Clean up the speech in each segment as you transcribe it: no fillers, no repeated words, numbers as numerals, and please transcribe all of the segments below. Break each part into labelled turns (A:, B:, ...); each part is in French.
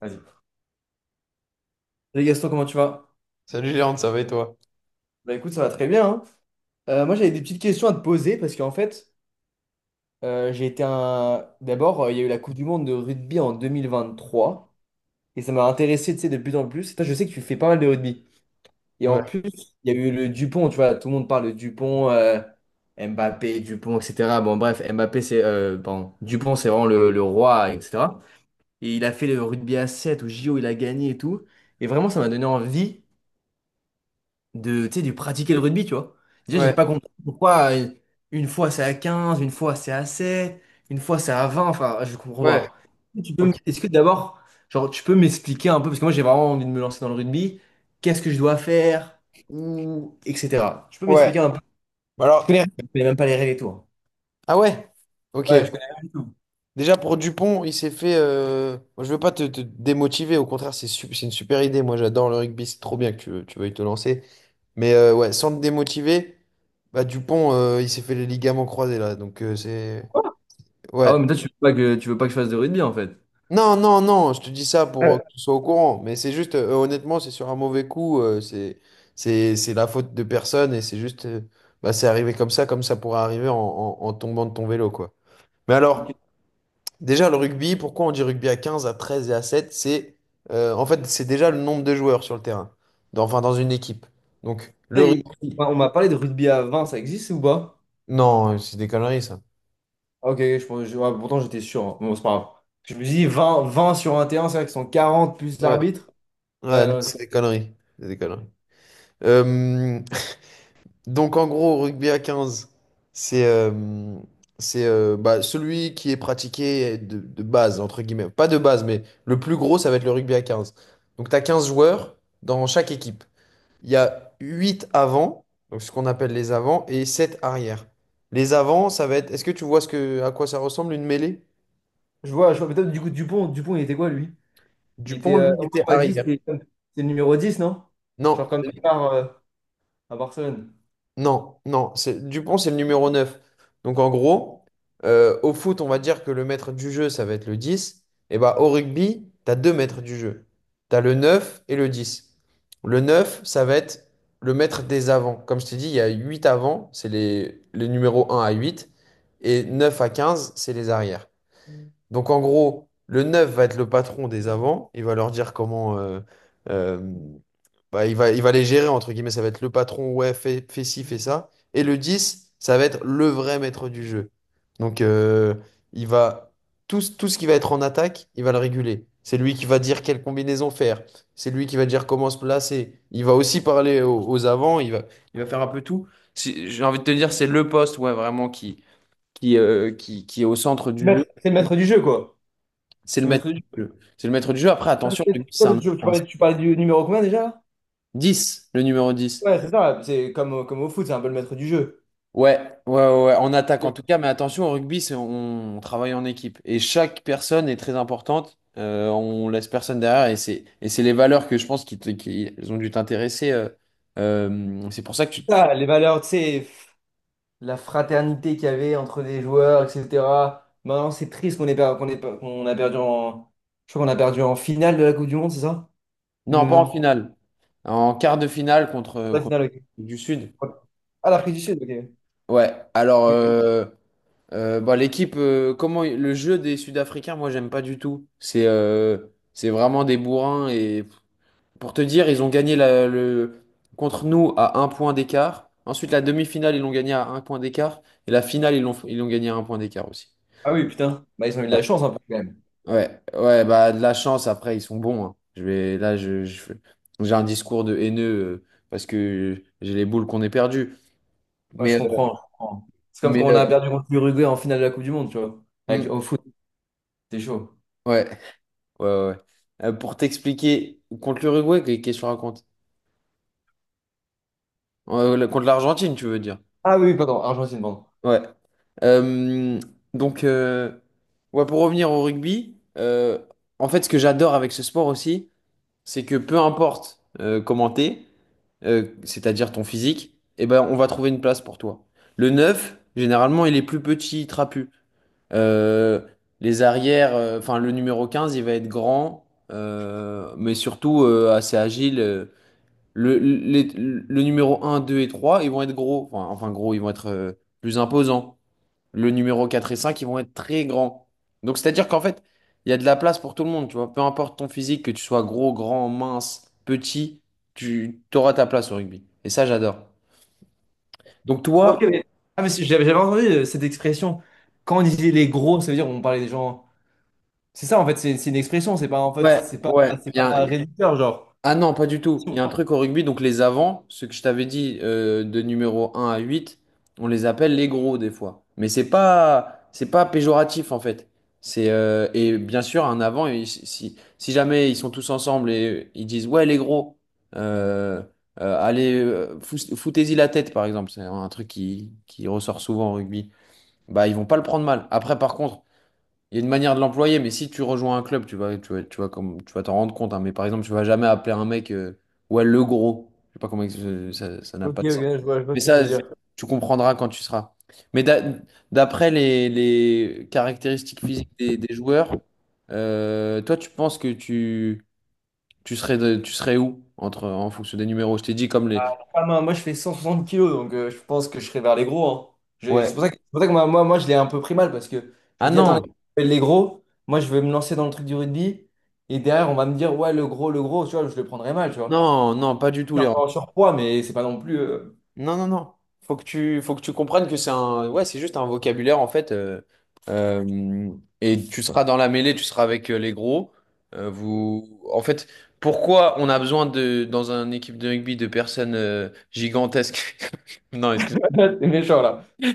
A: Vas-y. Salut Gaston, comment tu vas?
B: Salut Léandre, ça va et toi?
A: Bah écoute, ça va très bien, hein. Moi, j'avais des petites questions à te poser parce qu'en fait, j'ai été un. D'abord, il y a eu la Coupe du Monde de rugby en 2023 et ça m'a intéressé, tu sais, de plus en plus. Et toi, je sais que tu fais pas mal de rugby. Et en
B: Ouais,
A: plus, il y a eu le Dupont, tu vois, tout le monde parle de Dupont, Mbappé, Dupont, etc. Bon, bref, Mbappé, c'est. Pardon, Dupont, c'est vraiment le roi, etc. Et il a fait le rugby à 7 au JO, il a gagné et tout. Et vraiment, ça m'a donné envie, tu sais, de pratiquer le rugby, tu vois. Déjà, j'ai
B: ouais,
A: pas compris pourquoi une fois c'est à quinze, une fois c'est à sept, une fois c'est à vingt, enfin, je comprends
B: ouais,
A: pas.
B: ok.
A: Est-ce que d'abord, genre, tu peux m'expliquer un peu, parce que moi j'ai vraiment envie de me lancer dans le rugby? Qu'est-ce que je dois faire, ou, etc.? Tu peux
B: Ouais.
A: m'expliquer un peu?
B: Bah,
A: Je
B: alors,
A: connais, je connais même pas les règles et tout, hein.
B: ah ouais, ok.
A: Ouais, je connais rien du tout.
B: Déjà pour Dupont, il s'est fait. Moi, je veux pas te démotiver, au contraire, c'est une super idée. Moi, j'adore le rugby, c'est trop bien que tu veuilles te lancer. Mais ouais, sans te démotiver, bah Dupont, il s'est fait les ligaments croisés là. Donc, c'est.
A: Ah ouais,
B: Ouais.
A: mais toi, tu veux pas que je fasse de rugby, en fait.
B: Non, non, non, je te dis ça pour
A: Ouais.
B: que tu sois au courant. Mais c'est juste, honnêtement, c'est sur un mauvais coup. C'est la faute de personne et c'est juste, bah, c'est arrivé comme ça pourrait arriver en, en tombant de ton vélo, quoi. Mais
A: Ok.
B: alors, déjà, le rugby, pourquoi on dit rugby à 15, à 13 et à sept? En fait, c'est déjà le nombre de joueurs sur le terrain, enfin, dans une équipe. Donc,
A: Ça,
B: le
A: il-
B: rugby.
A: On m'a parlé de rugby à vingt, ça existe ou pas?
B: Non, c'est des conneries, ça.
A: Ah, ok, ok, ouais, pourtant j'étais sûr, hein. Bon, c'est pas grave. Je me suis dit 20, 20 sur 21, c'est vrai qu'ils sont 40 plus
B: Ouais.
A: l'arbitre. Ouais,
B: Ouais, non,
A: non,
B: c'est des conneries. C'est des conneries. Euh, Donc en gros, rugby à 15, c'est euh, c'est bah, celui qui est pratiqué de base, entre guillemets. Pas de base, mais le plus gros, ça va être le rugby à 15. Donc tu as 15 joueurs dans chaque équipe. Il y a 8 avants, donc ce qu'on appelle les avants, et 7 arrières. Les avants, ça va être... Est-ce que tu vois à quoi ça ressemble une mêlée?
A: je vois peut-être. Du coup Dupont, Dupont, il était quoi lui? Il était.
B: Dupont, lui, il
A: Omar
B: était
A: on m'a dit,
B: arrière.
A: c'est le numéro 10, non? Genre
B: Non.
A: comme Neymar à Barcelone.
B: Non, non, c'est Dupont, c'est le numéro 9. Donc en gros, au foot, on va dire que le maître du jeu, ça va être le 10. Et bah au rugby, t'as deux maîtres du jeu. T'as le 9 et le 10. Le 9 ça va être le maître des avants. Comme je t'ai dit, il y a 8 avants, c'est les numéros un à huit. Et 9 à 15 c'est les arrières. Donc en gros, le neuf va être le patron des avants. Il va leur dire comment. Euh, Bah, il va les gérer, entre guillemets. Ça va être le patron, ouais, fais, fais ci, fais ça. Et le 10, ça va être le vrai maître du jeu. Donc il va. Tout, tout ce qui va être en attaque, il va le réguler. C'est lui qui va dire quelle combinaison faire. C'est lui qui va dire comment se placer. Il va aussi parler aux avants. Il va faire un peu tout. J'ai envie de te dire, c'est le poste, ouais, vraiment qui, qui est au centre du jeu.
A: C'est le maître du jeu, quoi.
B: C'est le
A: C'est le
B: maître
A: maître du
B: du jeu. C'est le maître du jeu. Après, attention, le rugby, c'est
A: jeu. Tu parlais, tu parlais du numéro combien déjà?
B: 10, le numéro 10.
A: Ouais, c'est ça. C'est comme au foot, c'est un peu le maître du jeu.
B: Ouais, ouais, ouais, ouais, en attaque en
A: C'est
B: tout cas, mais attention, au rugby, c'est, on travaille en équipe. Et chaque personne est très importante. On laisse personne derrière et c'est les valeurs que je pense qui, qui ont dû t'intéresser. C'est pour ça que tu,
A: ça, les valeurs, tu sais, la fraternité qu'il y avait entre les joueurs, etc. Maintenant, c'est triste qu'on a perdu en. Je crois qu'on a perdu en finale de la Coupe du Monde, c'est ça?
B: Non, pas en
A: 2020.
B: finale. En quart de finale contre,
A: Pas finale, ok.
B: du Sud.
A: Ouais. Ah, l'Afrique du Sud, ok.
B: Ouais, alors,
A: Ok.
B: bah, l'équipe, comment le jeu des Sud-Africains, moi j'aime pas du tout. C'est vraiment des bourrins et pour te dire, ils ont gagné le contre nous à un point d'écart. Ensuite, la demi-finale, ils l'ont gagné à un point d'écart et la finale, ils l'ont gagné à un point d'écart aussi.
A: Ah oui, putain. Bah, ils ont eu de
B: Ouais.
A: la chance un peu quand même.
B: Ouais, ouais, bah de la chance. Après, ils sont bons, hein. Je vais là. J'ai un discours de haineux parce que j'ai les boules qu'on ait perdues.
A: Ouais,
B: Mais
A: je
B: euh,
A: comprends, je comprends. C'est comme
B: mais
A: quand on
B: euh,
A: a perdu contre l'Uruguay en finale de la Coupe du Monde, tu vois.
B: mm,
A: Avec, au foot, c'est chaud.
B: ouais. Ouais, ouais, ouais. Pour t'expliquer, contre l'Uruguay, qu'est-ce que tu racontes? Contre l'Argentine, tu veux dire?
A: Ah oui, oui, pardon, Argentine, pardon.
B: Ouais. Euh, donc, euh, ouais, pour revenir au rugby, en fait, ce que j'adore avec ce sport aussi, c'est que peu importe comment t'es, c'est-à-dire ton physique, eh ben, on va trouver une place pour toi. Le 9 généralement, il est plus petit, trapu. Euh, les arrières, enfin, le numéro 15, il va être grand, mais surtout assez agile. Le numéro un 2 et 3 ils vont être gros. Enfin, gros, ils vont être plus imposants. Le numéro 4 et 5 ils vont être très grands. Donc, c'est-à-dire qu'en fait, il y a de la place pour tout le monde, tu vois. Peu importe ton physique, que tu sois gros, grand, mince, petit, tu auras ta place au rugby. Et ça, j'adore. Donc,
A: Ah,
B: toi,
A: ok, mais. Ah, mais si, j'avais entendu cette expression. Quand on disait les gros, ça veut dire on parlait des gens. C'est ça, en fait, c'est une expression, c'est pas, en fait,
B: ouais,
A: c'est pas,
B: ouais,
A: c'est
B: bien.
A: pas réducteur, genre.
B: Ah non, pas du tout. Il y
A: Ok,
B: a un truc au rugby, donc les avants, ce que je t'avais dit de numéro un à 8, on les appelle les gros des fois. Mais c'est pas péjoratif en fait. C'est et bien sûr un avant si jamais ils sont tous ensemble et ils disent ouais les gros euh, allez foutez-y la tête par exemple, c'est un truc qui ressort souvent au rugby. Bah ils vont pas le prendre mal. Après par contre, il y a une manière de l'employer, mais si tu rejoins un club, tu vas comme, tu vas t'en rendre compte, hein. Mais par exemple, tu vas jamais appeler un mec, ouais, le gros. Je sais pas comment, ça, ça n'a
A: ok,
B: pas de sens.
A: je vois
B: Mais
A: ce que tu
B: ça,
A: veux dire.
B: tu comprendras quand tu seras. Mais d'après les caractéristiques physiques des joueurs, toi, tu penses que tu serais où entre, en fonction des numéros? Je t'ai dit comme les.
A: Ah, moi, moi, je fais 160 kilos, donc je pense que je serai vers les gros, hein. C'est
B: Ouais.
A: pour ça que, c'est pour ça que moi, moi, moi, je l'ai un peu pris mal parce que je
B: Ah
A: me dis, attends,
B: non,
A: les gros, moi, je vais me lancer dans le truc du rugby et derrière, on va me dire, ouais, le gros, tu vois, je le prendrai mal, tu vois.
B: non, non, pas du tout,
A: Je
B: les.
A: suis un peu en surpoids, mais c'est pas non plus.
B: Non, non, non. Faut que tu comprennes que c'est un, ouais, c'est juste un vocabulaire en fait. Euh, et tu seras dans la mêlée, tu seras avec les gros. Vous, en fait, pourquoi on a besoin de, dans une équipe de rugby, de personnes gigantesques? Non, excuse.
A: C'est méchant, là. C'est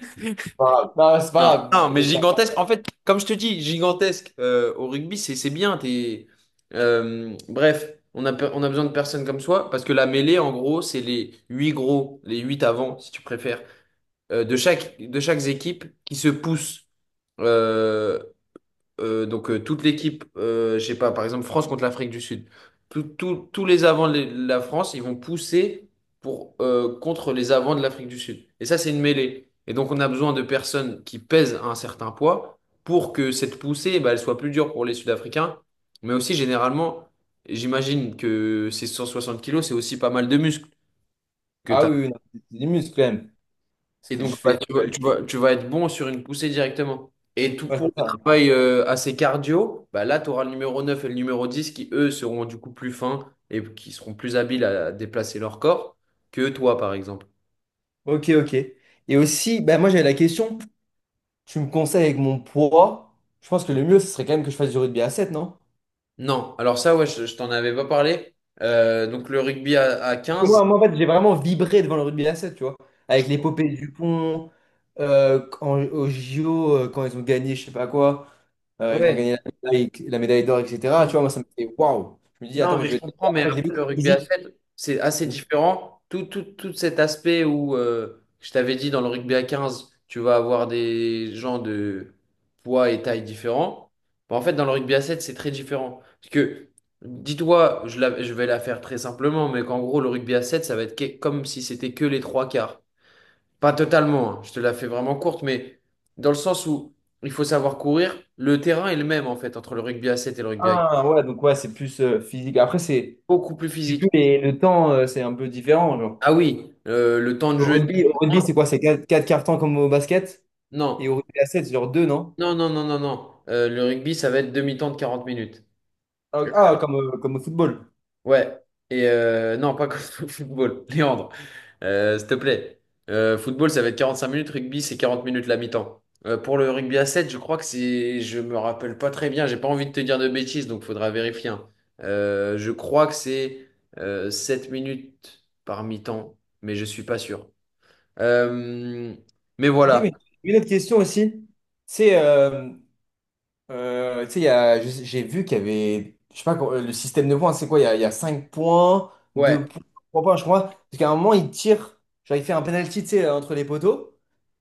A: pas grave. Non, c'est
B: Non,
A: pas grave.
B: non, mais
A: Vous pas.
B: gigantesques. En fait, comme je te dis, gigantesques au rugby, c'est bien. T'es, bref, on a besoin de personnes comme soi parce que la mêlée, en gros, c'est les huit gros, les huit avant, si tu préfères. De chaque équipe qui se pousse. Euh, donc toute l'équipe, je sais pas, par exemple France contre l'Afrique du Sud, tous les avants de la France, ils vont pousser pour, contre les avants de l'Afrique du Sud. Et ça, c'est une mêlée. Et donc on a besoin de personnes qui pèsent un certain poids pour que cette poussée, eh ben, elle soit plus dure pour les Sud-Africains. Mais aussi, généralement, j'imagine que ces 160 kilos, c'est aussi pas mal de muscles que tu
A: Ah
B: as.
A: oui, oui, non, c'est des muscles quand même. Ce
B: Et
A: que je
B: donc, bah,
A: fais,
B: tu vas être bon sur une poussée directement. Et tout
A: ouais.
B: pour le travail assez cardio, bah là, tu auras le numéro 9 et le numéro 10 qui, eux, seront du coup plus fins et qui seront plus habiles à déplacer leur corps que toi, par exemple.
A: Ok, ok. Et aussi, bah moi j'avais la question, tu me conseilles avec mon poids, je pense que le mieux, ce serait quand même que je fasse du rugby à sept, non?
B: Non, alors ça, ouais, je t'en avais pas parlé. Donc, le rugby à
A: Parce que
B: 15,
A: moi, moi, en fait, j'ai vraiment vibré devant le rugby à sept, tu vois.
B: je
A: Avec
B: crois.
A: l'épopée du pont, quand, au JO, quand ils ont gagné, je sais pas quoi, ils ont
B: Ouais.
A: gagné la médaille d'or, etc. Tu vois, moi, ça me fait waouh. Je me dis, attends,
B: Non,
A: mais
B: mais
A: je
B: je
A: vais tester.
B: comprends, mais
A: Après, j'ai
B: après,
A: vu que
B: le
A: c'est
B: rugby à
A: physique.
B: 7 c'est assez différent. Tout cet aspect où, je t'avais dit, dans le rugby à 15 tu vas avoir des gens de poids et taille différents. Bah, en fait, dans le rugby à 7 c'est très différent. Parce que, dis-toi, je vais la faire très simplement, mais qu'en gros, le rugby à 7 ça va être comme si c'était que les trois quarts. Pas totalement, hein, je te la fais vraiment courte, mais dans le sens où il faut savoir courir, le terrain est le même, en fait, entre le rugby à 7 et le rugby à 15.
A: Ah, ouais, donc ouais, c'est plus physique. Après, c'est.
B: Beaucoup plus
A: J'ai vu,
B: physique.
A: mais le temps, c'est un peu différent. Genre.
B: Ah oui, le temps de
A: Au
B: jeu est
A: rugby, au
B: beaucoup
A: rugby, c'est
B: moindre.
A: quoi? C'est 4 quarts temps comme au basket? Et au
B: Non,
A: rugby à 7, c'est genre 2, non?
B: non, non, non, non, non. Le rugby, ça va être demi-temps de 40 minutes.
A: Ah, ah, comme au football.
B: Ouais. Et non, pas comme au football. Léandre, s'il te plaît. Football, ça va être 45 minutes. Rugby, c'est 40 minutes la mi-temps. Pour le rugby à 7, je crois que c'est. Je me rappelle pas très bien. J'ai pas envie de te dire de bêtises, donc faudra vérifier, hein. Je crois que c'est 7 minutes par mi-temps, mais je suis pas sûr. Euh, mais
A: Ok,
B: voilà.
A: mais une autre question aussi. C'est, euh, tu sais, il y a- je sais- j'ai vu qu'il y avait, je sais pas, quoi, le système de points, c'est quoi? Il y a 5 points, 2
B: Ouais.
A: points, 3 points, je crois. Parce qu'à un moment, il tire, genre il fait un penalty, tu sais, entre les poteaux,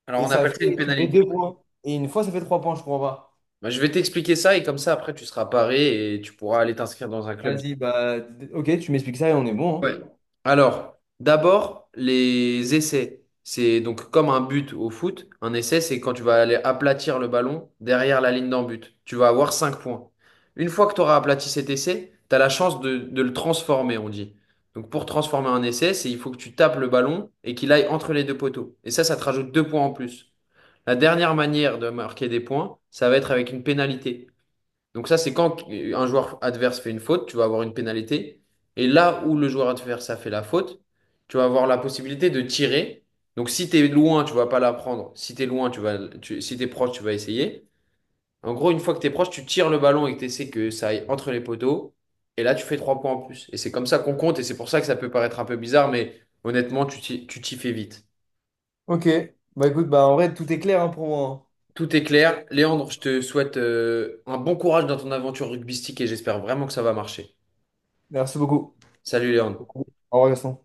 B: Alors,
A: et
B: on
A: ça
B: appelle ça une
A: fait, ça fait
B: pénalité.
A: 2 points. Et une fois, ça fait 3 points, je crois pas.
B: Bah, je vais t'expliquer ça et comme ça, après, tu seras paré et tu pourras aller t'inscrire dans un club.
A: Vas-y, bah, ok, tu m'expliques ça et on est bon, hein.
B: Ouais. Alors, d'abord, les essais. C'est donc comme un but au foot. Un essai, c'est quand tu vas aller aplatir le ballon derrière la ligne d'en but. Tu vas avoir 5 points. Une fois que tu auras aplati cet essai, tu as la chance de le transformer, on dit. Donc, pour transformer un essai, c'est il faut que tu tapes le ballon et qu'il aille entre les deux poteaux. Et ça te rajoute 2 points en plus. La dernière manière de marquer des points, ça va être avec une pénalité. Donc ça, c'est quand un joueur adverse fait une faute, tu vas avoir une pénalité. Et là où le joueur adverse a fait la faute, tu vas avoir la possibilité de tirer. Donc si tu es loin, tu vas pas la prendre. Si tu es loin, si tu es proche, tu vas essayer. En gros, une fois que tu es proche, tu tires le ballon et que tu essaies que ça aille entre les poteaux. Et là, tu fais 3 points en plus. Et c'est comme ça qu'on compte. Et c'est pour ça que ça peut paraître un peu bizarre, mais honnêtement, tu t'y fais vite.
A: Ok, bah écoute, bah en vrai, tout est clair, hein, pour moi, hein.
B: Tout est clair. Léandre, je te souhaite un bon courage dans ton aventure rugbystique et j'espère vraiment que ça va marcher.
A: Merci beaucoup.
B: Salut Léandre.
A: Au revoir, Gaston.